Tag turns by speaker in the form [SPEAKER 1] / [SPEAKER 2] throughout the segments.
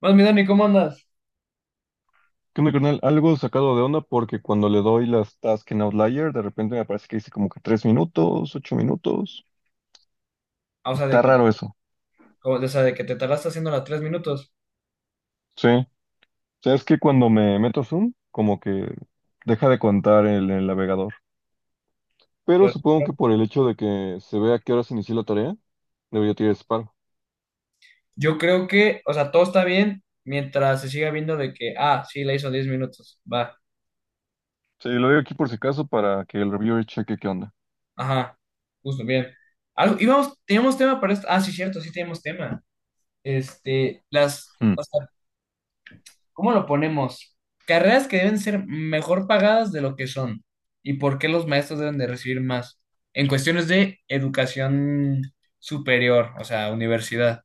[SPEAKER 1] Más mi Dani, ¿cómo andas?
[SPEAKER 2] ¿Qué onda, carnal? Algo sacado de onda porque cuando le doy las tasks en Outlier, de repente me aparece que dice como que 3 minutos, 8 minutos.
[SPEAKER 1] Ah, o sea, de
[SPEAKER 2] Está
[SPEAKER 1] que,
[SPEAKER 2] raro eso.
[SPEAKER 1] o sea, de que te tardaste haciendo las 3 minutos.
[SPEAKER 2] Sí. O sea, es que cuando me meto a Zoom, como que deja de contar el navegador.
[SPEAKER 1] Qué
[SPEAKER 2] Pero supongo
[SPEAKER 1] raro.
[SPEAKER 2] que por el hecho de que se vea a qué hora se inició la tarea, debería tirar disparo.
[SPEAKER 1] Yo creo que, o sea, todo está bien mientras se siga viendo de que, ah, sí, la hizo 10 minutos. Va.
[SPEAKER 2] Sí, lo digo aquí por si acaso para que el reviewer cheque qué onda.
[SPEAKER 1] Ajá. Justo, bien. Algo, íbamos, teníamos tema para esto. Ah, sí, cierto, sí tenemos tema. Este, las,
[SPEAKER 2] Mm.
[SPEAKER 1] o sea, ¿cómo lo ponemos? Carreras que deben ser mejor pagadas de lo que son. ¿Y por qué los maestros deben de recibir más? En cuestiones de educación superior, o sea, universidad.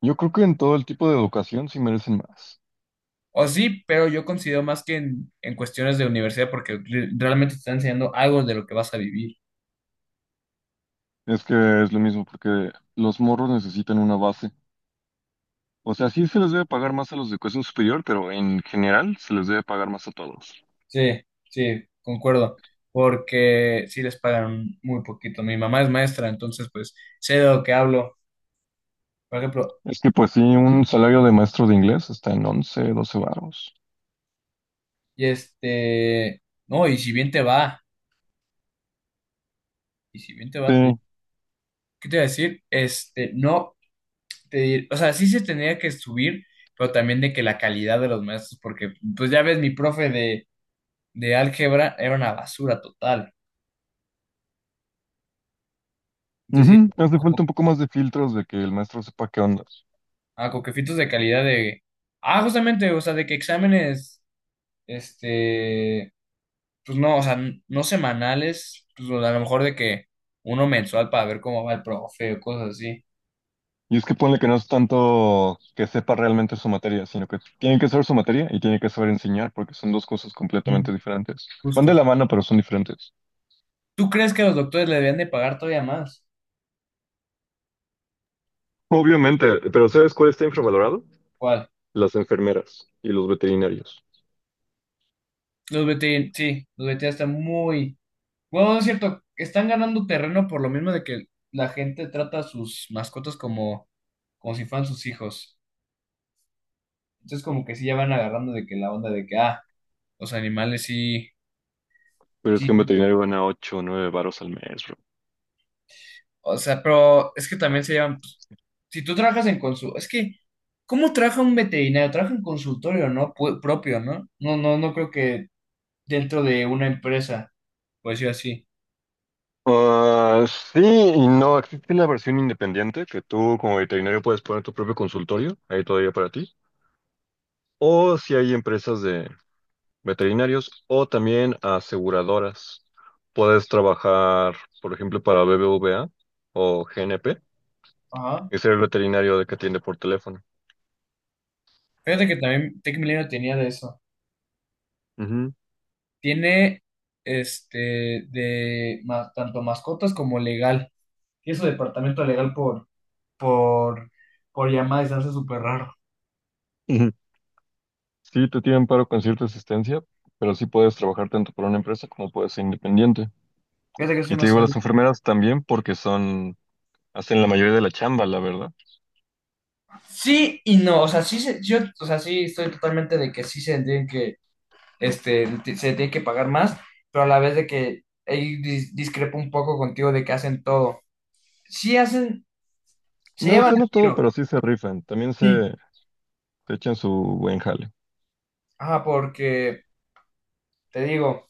[SPEAKER 2] Yo creo que en todo el tipo de educación sí merecen más.
[SPEAKER 1] O sí, pero yo considero más que en cuestiones de universidad porque realmente te están enseñando algo de lo que vas a vivir.
[SPEAKER 2] Es que es lo mismo porque los morros necesitan una base. O sea, sí se les debe pagar más a los de educación superior, pero en general se les debe pagar más a todos.
[SPEAKER 1] Sí, sí, concuerdo. Porque sí les pagan muy poquito. Mi mamá es maestra, entonces pues sé de lo que hablo. Por ejemplo,
[SPEAKER 2] Es que pues sí, un salario de maestro de inglés está en 11, 12 varos.
[SPEAKER 1] y este, no, y si bien te va, y si bien te va.
[SPEAKER 2] Sí.
[SPEAKER 1] ¿Qué te iba a decir? Este, no, te, o sea, sí se tendría que subir, pero también de que la calidad de los maestros, porque pues ya ves, mi profe de álgebra era una basura total. Entonces,
[SPEAKER 2] Ujú.
[SPEAKER 1] sí,
[SPEAKER 2] Hace falta
[SPEAKER 1] como
[SPEAKER 2] un poco más de filtros de que el maestro sepa qué onda.
[SPEAKER 1] a coquefitos de calidad de. Ah, justamente, o sea, de que exámenes, este, pues no, o sea, no semanales, pues a lo mejor de que uno mensual para ver cómo va el profe o cosas así.
[SPEAKER 2] Y es que ponle que no es tanto que sepa realmente su materia, sino que tiene que saber su materia y tiene que saber enseñar, porque son dos cosas completamente
[SPEAKER 1] Mm.
[SPEAKER 2] diferentes. Van de la
[SPEAKER 1] Justo.
[SPEAKER 2] mano, pero son diferentes.
[SPEAKER 1] ¿Tú crees que los doctores le debían de pagar todavía más?
[SPEAKER 2] Obviamente, pero ¿sabes cuál está infravalorado?
[SPEAKER 1] ¿Cuál?
[SPEAKER 2] Las enfermeras y los veterinarios.
[SPEAKER 1] Los veterinarios, sí, los veterinarios están muy. Bueno, no es cierto, están ganando terreno por lo mismo de que la gente trata a sus mascotas como, como si fueran sus hijos. Entonces, como que sí ya van agarrando de que la onda de que, ah, los animales sí,
[SPEAKER 2] Pero es que
[SPEAKER 1] sí.
[SPEAKER 2] en veterinario gana 8 o 9 varos al mes, bro.
[SPEAKER 1] O sea, pero es que también se llevan, pues, si tú trabajas en consultorio, es que, ¿cómo trabaja un veterinario? Trabaja en consultorio, ¿no? Propio, ¿no? No, no, no creo que dentro de una empresa, por decirlo así.
[SPEAKER 2] Ah, sí y no. Existe la versión independiente que tú como veterinario puedes poner tu propio consultorio ahí todavía para ti. O si hay empresas de veterinarios o también aseguradoras. Puedes trabajar, por ejemplo, para BBVA o GNP
[SPEAKER 1] Ajá.
[SPEAKER 2] y ser el veterinario de que atiende por teléfono.
[SPEAKER 1] Fíjate que también Tech Milenio tenía de eso.
[SPEAKER 2] Ujú.
[SPEAKER 1] Tiene este de tanto mascotas como legal. Tiene su departamento legal por, por llamada y se me hace súper raro.
[SPEAKER 2] Ujú. Sí, te tienen paro con cierta asistencia, pero sí puedes trabajar tanto para una empresa como puedes ser independiente.
[SPEAKER 1] Fíjate que eso yo
[SPEAKER 2] Y
[SPEAKER 1] no
[SPEAKER 2] te digo, las
[SPEAKER 1] sabía.
[SPEAKER 2] enfermeras también porque son, hacen la mayoría de la chamba, la verdad.
[SPEAKER 1] Sí y no, o sea, sí, se- yo, o sea, sí estoy totalmente de que sí se tienen que, este, se tiene que pagar más, pero a la vez de que ahí discrepo un poco contigo de que hacen todo. Sí hacen, se
[SPEAKER 2] No, o
[SPEAKER 1] llevan
[SPEAKER 2] sea,
[SPEAKER 1] el
[SPEAKER 2] no todo,
[SPEAKER 1] tiro.
[SPEAKER 2] pero sí se rifan. También se echan su buen jale.
[SPEAKER 1] Ajá, porque te digo,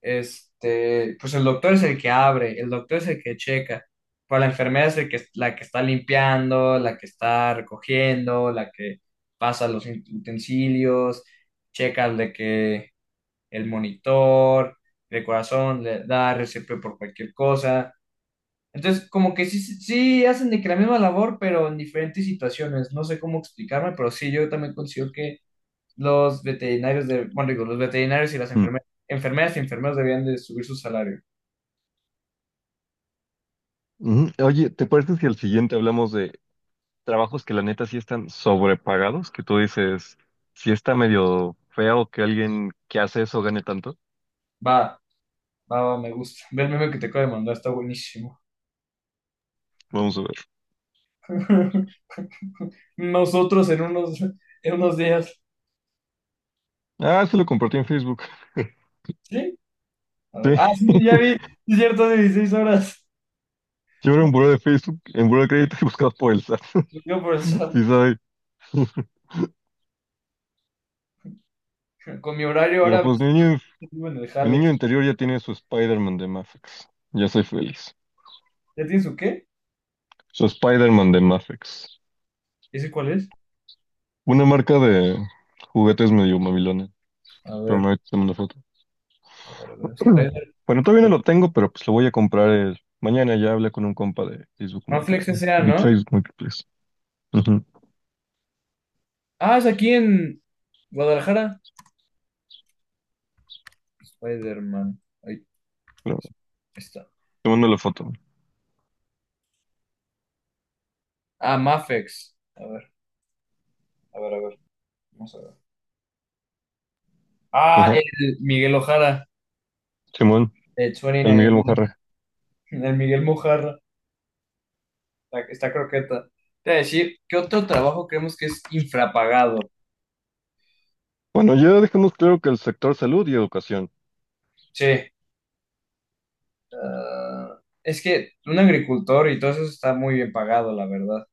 [SPEAKER 1] este, pues el doctor es el que abre, el doctor es el que checa, pero la enfermera es el que, la que está limpiando, la que está recogiendo, la que pasa los utensilios, checa de que el monitor, el corazón, le da RCP por cualquier cosa. Entonces, como que sí, sí hacen de que la misma labor, pero en diferentes situaciones. No sé cómo explicarme, pero sí, yo también considero que los veterinarios de, bueno, digo, los veterinarios y las
[SPEAKER 2] Mm.
[SPEAKER 1] enfermeras, enfermeras y enfermeros debían de subir su salario.
[SPEAKER 2] Ujú. Oye, ¿te parece si al siguiente hablamos de trabajos que la neta sí están sobrepagados? Que tú dices, si está medio feo que alguien que hace eso gane tanto.
[SPEAKER 1] Va, va, va, me gusta. Ve el meme que te acabo de mandar, está buenísimo.
[SPEAKER 2] Vamos a ver.
[SPEAKER 1] Nosotros en unos días.
[SPEAKER 2] Ah, se lo compartí en Facebook.
[SPEAKER 1] ¿Sí? A ver.
[SPEAKER 2] Sí,
[SPEAKER 1] Ah, sí, ya vi, es cierto, 16 horas.
[SPEAKER 2] yo era un buró de Facebook, en buró de crédito y buscado por el SAT.
[SPEAKER 1] Yo por el sábado.
[SPEAKER 2] Sí, soy.
[SPEAKER 1] Con mi horario
[SPEAKER 2] Pero
[SPEAKER 1] ahora
[SPEAKER 2] pues,
[SPEAKER 1] me en el
[SPEAKER 2] mi
[SPEAKER 1] jale.
[SPEAKER 2] niño interior ya tiene su Spider-Man de Mafex. Ya soy feliz.
[SPEAKER 1] ¿Ya tienes su qué?
[SPEAKER 2] Su Spider-Man de Mafex.
[SPEAKER 1] ¿Ese cuál es?
[SPEAKER 2] Una marca de juguetes medio mamilona.
[SPEAKER 1] A
[SPEAKER 2] Pero
[SPEAKER 1] ver,
[SPEAKER 2] me tengo una foto.
[SPEAKER 1] a ver. Spider-
[SPEAKER 2] Bueno, todavía no lo tengo, pero pues lo voy a comprar el mañana. Ya hablé con un compa de Facebook
[SPEAKER 1] Manflex
[SPEAKER 2] Marketing.
[SPEAKER 1] S.A., ¿no?
[SPEAKER 2] Facebook Marketplace. Ujú.
[SPEAKER 1] Ah, es aquí en Guadalajara. Spider-Man. Ahí
[SPEAKER 2] Pero
[SPEAKER 1] está.
[SPEAKER 2] te mando la foto.
[SPEAKER 1] Ah, Mafex. A ver. Vamos a ver. Ah,
[SPEAKER 2] Ajá.
[SPEAKER 1] el Miguel Ojara.
[SPEAKER 2] Simón,
[SPEAKER 1] El
[SPEAKER 2] el
[SPEAKER 1] 29.
[SPEAKER 2] Miguel Mojarra.
[SPEAKER 1] El Miguel Mojarra. Está, está croqueta. Te voy a decir, ¿qué otro trabajo creemos que es infrapagado?
[SPEAKER 2] Bueno, ya dejamos claro que el sector salud y educación.
[SPEAKER 1] Sí. Ah, es que un agricultor y todo eso está muy bien pagado, la verdad.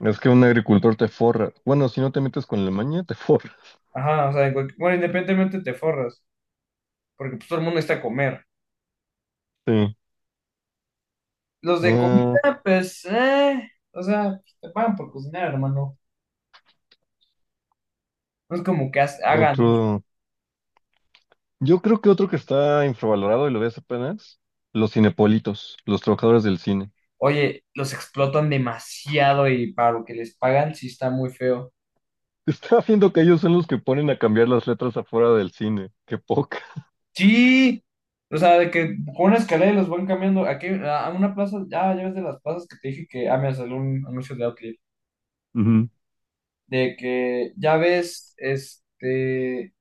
[SPEAKER 2] Es que un agricultor te forra. Bueno, si no te metes con la maña, te forra.
[SPEAKER 1] Ajá, o sea, en cualquier- bueno, independientemente te forras, porque pues todo el mundo está a comer.
[SPEAKER 2] Sí.
[SPEAKER 1] Los de
[SPEAKER 2] Ah,
[SPEAKER 1] comida, pues, o sea, pues, te pagan por cocinar, hermano. No es como que hagan,
[SPEAKER 2] otro. Yo creo que otro que está infravalorado y lo ves apenas, los cinepolitos, los trabajadores del cine.
[SPEAKER 1] oye, los explotan demasiado y para lo que les pagan sí está muy feo.
[SPEAKER 2] Estaba viendo que ellos son los que ponen a cambiar las letras afuera del cine. Qué poca.
[SPEAKER 1] Sí, o sea, de que con una escalera los van cambiando. Aquí, a una plaza, ya, ya ves de las plazas que te dije que, ah, me salió un anuncio de Outlier,
[SPEAKER 2] Ujú.
[SPEAKER 1] de que ya ves, este,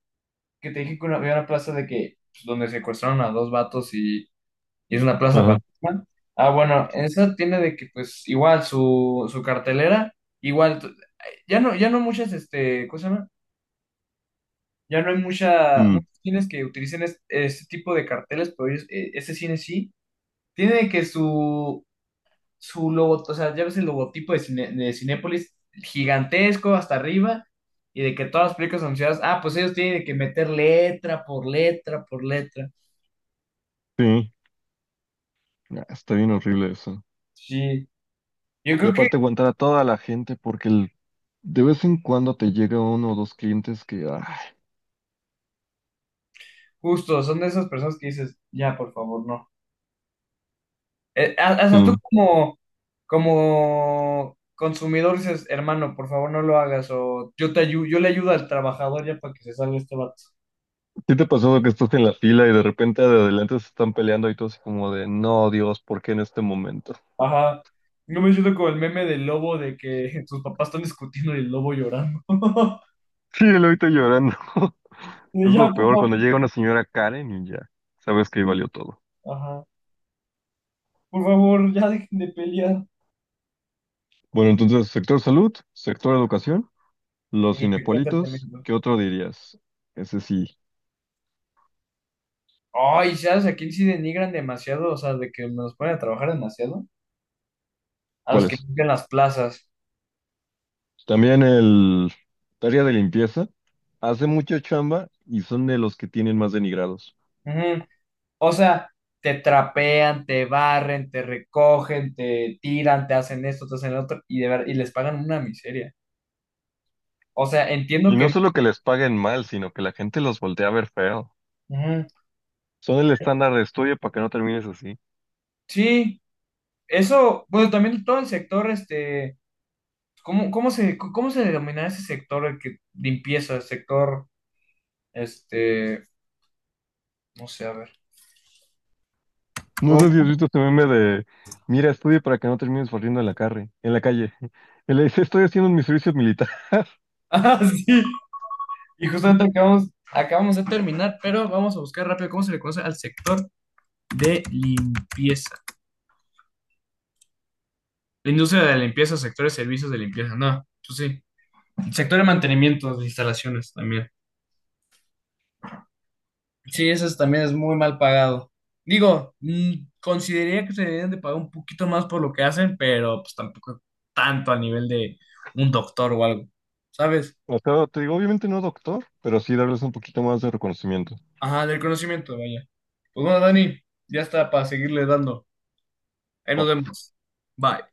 [SPEAKER 1] que te dije que una- había una plaza de que, pues, donde secuestraron a dos vatos y es una plaza
[SPEAKER 2] Ajá.
[SPEAKER 1] fantasma. Ah, bueno, esa tiene de que pues igual su, su cartelera, igual t- ya no, ya no muchas, este, ¿cómo se llama? Ya no hay mucha,
[SPEAKER 2] Mm,
[SPEAKER 1] muchos cines que utilicen este, tipo de carteles, pero ellos- este cine sí. Tiene de que su logo, o sea, ya ves el logotipo de, Cine- de Cinépolis gigantesco hasta arriba, y de que todas las películas anunciadas, ah, pues ellos tienen que meter letra por letra por letra.
[SPEAKER 2] sí. Ah, está bien horrible eso.
[SPEAKER 1] Sí. Yo
[SPEAKER 2] Y
[SPEAKER 1] creo
[SPEAKER 2] aparte aguantar a toda la gente porque de vez en cuando te llega uno o dos clientes que, ay,
[SPEAKER 1] justo, son de esas personas que dices, ya, por favor, no. Ha- hasta tú
[SPEAKER 2] sí.
[SPEAKER 1] como, como consumidor dices, hermano, por favor, no lo hagas, o yo te yo le ayudo al trabajador ya para que se salga este vato.
[SPEAKER 2] ¿Sí te pasó que estás en la fila y de repente de adelante se están peleando y todo así como de, no, Dios, ¿por qué en este momento?
[SPEAKER 1] Ajá. No me siento como el meme del lobo de que sus papás están discutiendo y el lobo llorando.
[SPEAKER 2] Sí, lo ahorita llorando.
[SPEAKER 1] Y
[SPEAKER 2] Es lo
[SPEAKER 1] ya, por
[SPEAKER 2] peor
[SPEAKER 1] favor.
[SPEAKER 2] cuando llega una señora Karen y ya sabes que ahí valió todo.
[SPEAKER 1] Ajá. Por favor, ya dejen de pelear.
[SPEAKER 2] Bueno, entonces, sector salud, sector educación, los
[SPEAKER 1] Y te cuenta
[SPEAKER 2] cinepolitos,
[SPEAKER 1] tremendo.
[SPEAKER 2] ¿qué otro dirías? Ese sí,
[SPEAKER 1] Ay, ¿sabes a quién sí denigran demasiado? O sea, de que nos ponen a trabajar demasiado. A los que
[SPEAKER 2] ¿cuáles?
[SPEAKER 1] limpian las plazas.
[SPEAKER 2] También el área de limpieza, hace mucha chamba y son de los que tienen más denigrados.
[SPEAKER 1] Ujú. O sea, te trapean, te barren, te recogen, te tiran, te hacen esto, te hacen lo otro, y, de ver- y les pagan una miseria. O sea, entiendo
[SPEAKER 2] Y no
[SPEAKER 1] que... no.
[SPEAKER 2] solo que les paguen mal, sino que la gente los voltea a ver feo.
[SPEAKER 1] Ujú.
[SPEAKER 2] Son el estándar de estudio para que no termines así.
[SPEAKER 1] Sí, eso, bueno, también todo el sector, este, ¿cómo, cómo se denomina ese sector, el que limpieza, el sector, este, no sé, a ver,
[SPEAKER 2] No
[SPEAKER 1] ¿cómo?
[SPEAKER 2] sé si has visto este meme de, mira, estudia para que no termines corriendo en en la calle. Y le dice, estoy haciendo mi servicio militar.
[SPEAKER 1] Ah, sí, y justamente acabamos, acabamos de terminar, pero vamos a buscar rápido cómo se le conoce al sector de limpieza. La industria de la limpieza, sector de servicios de limpieza, no, pues sí. Sector de mantenimiento de instalaciones también. Sí, eso es- también es muy mal pagado. Digo, mm, consideraría que se deberían de pagar un poquito más por lo que hacen, pero pues tampoco tanto a nivel de un doctor o algo, ¿sabes?
[SPEAKER 2] O sea, te digo, obviamente no doctor, pero sí darles un poquito más de reconocimiento.
[SPEAKER 1] Ajá, del conocimiento, vaya. Pues bueno, Dani, ya está para seguirle dando. Ahí nos vemos. Bye.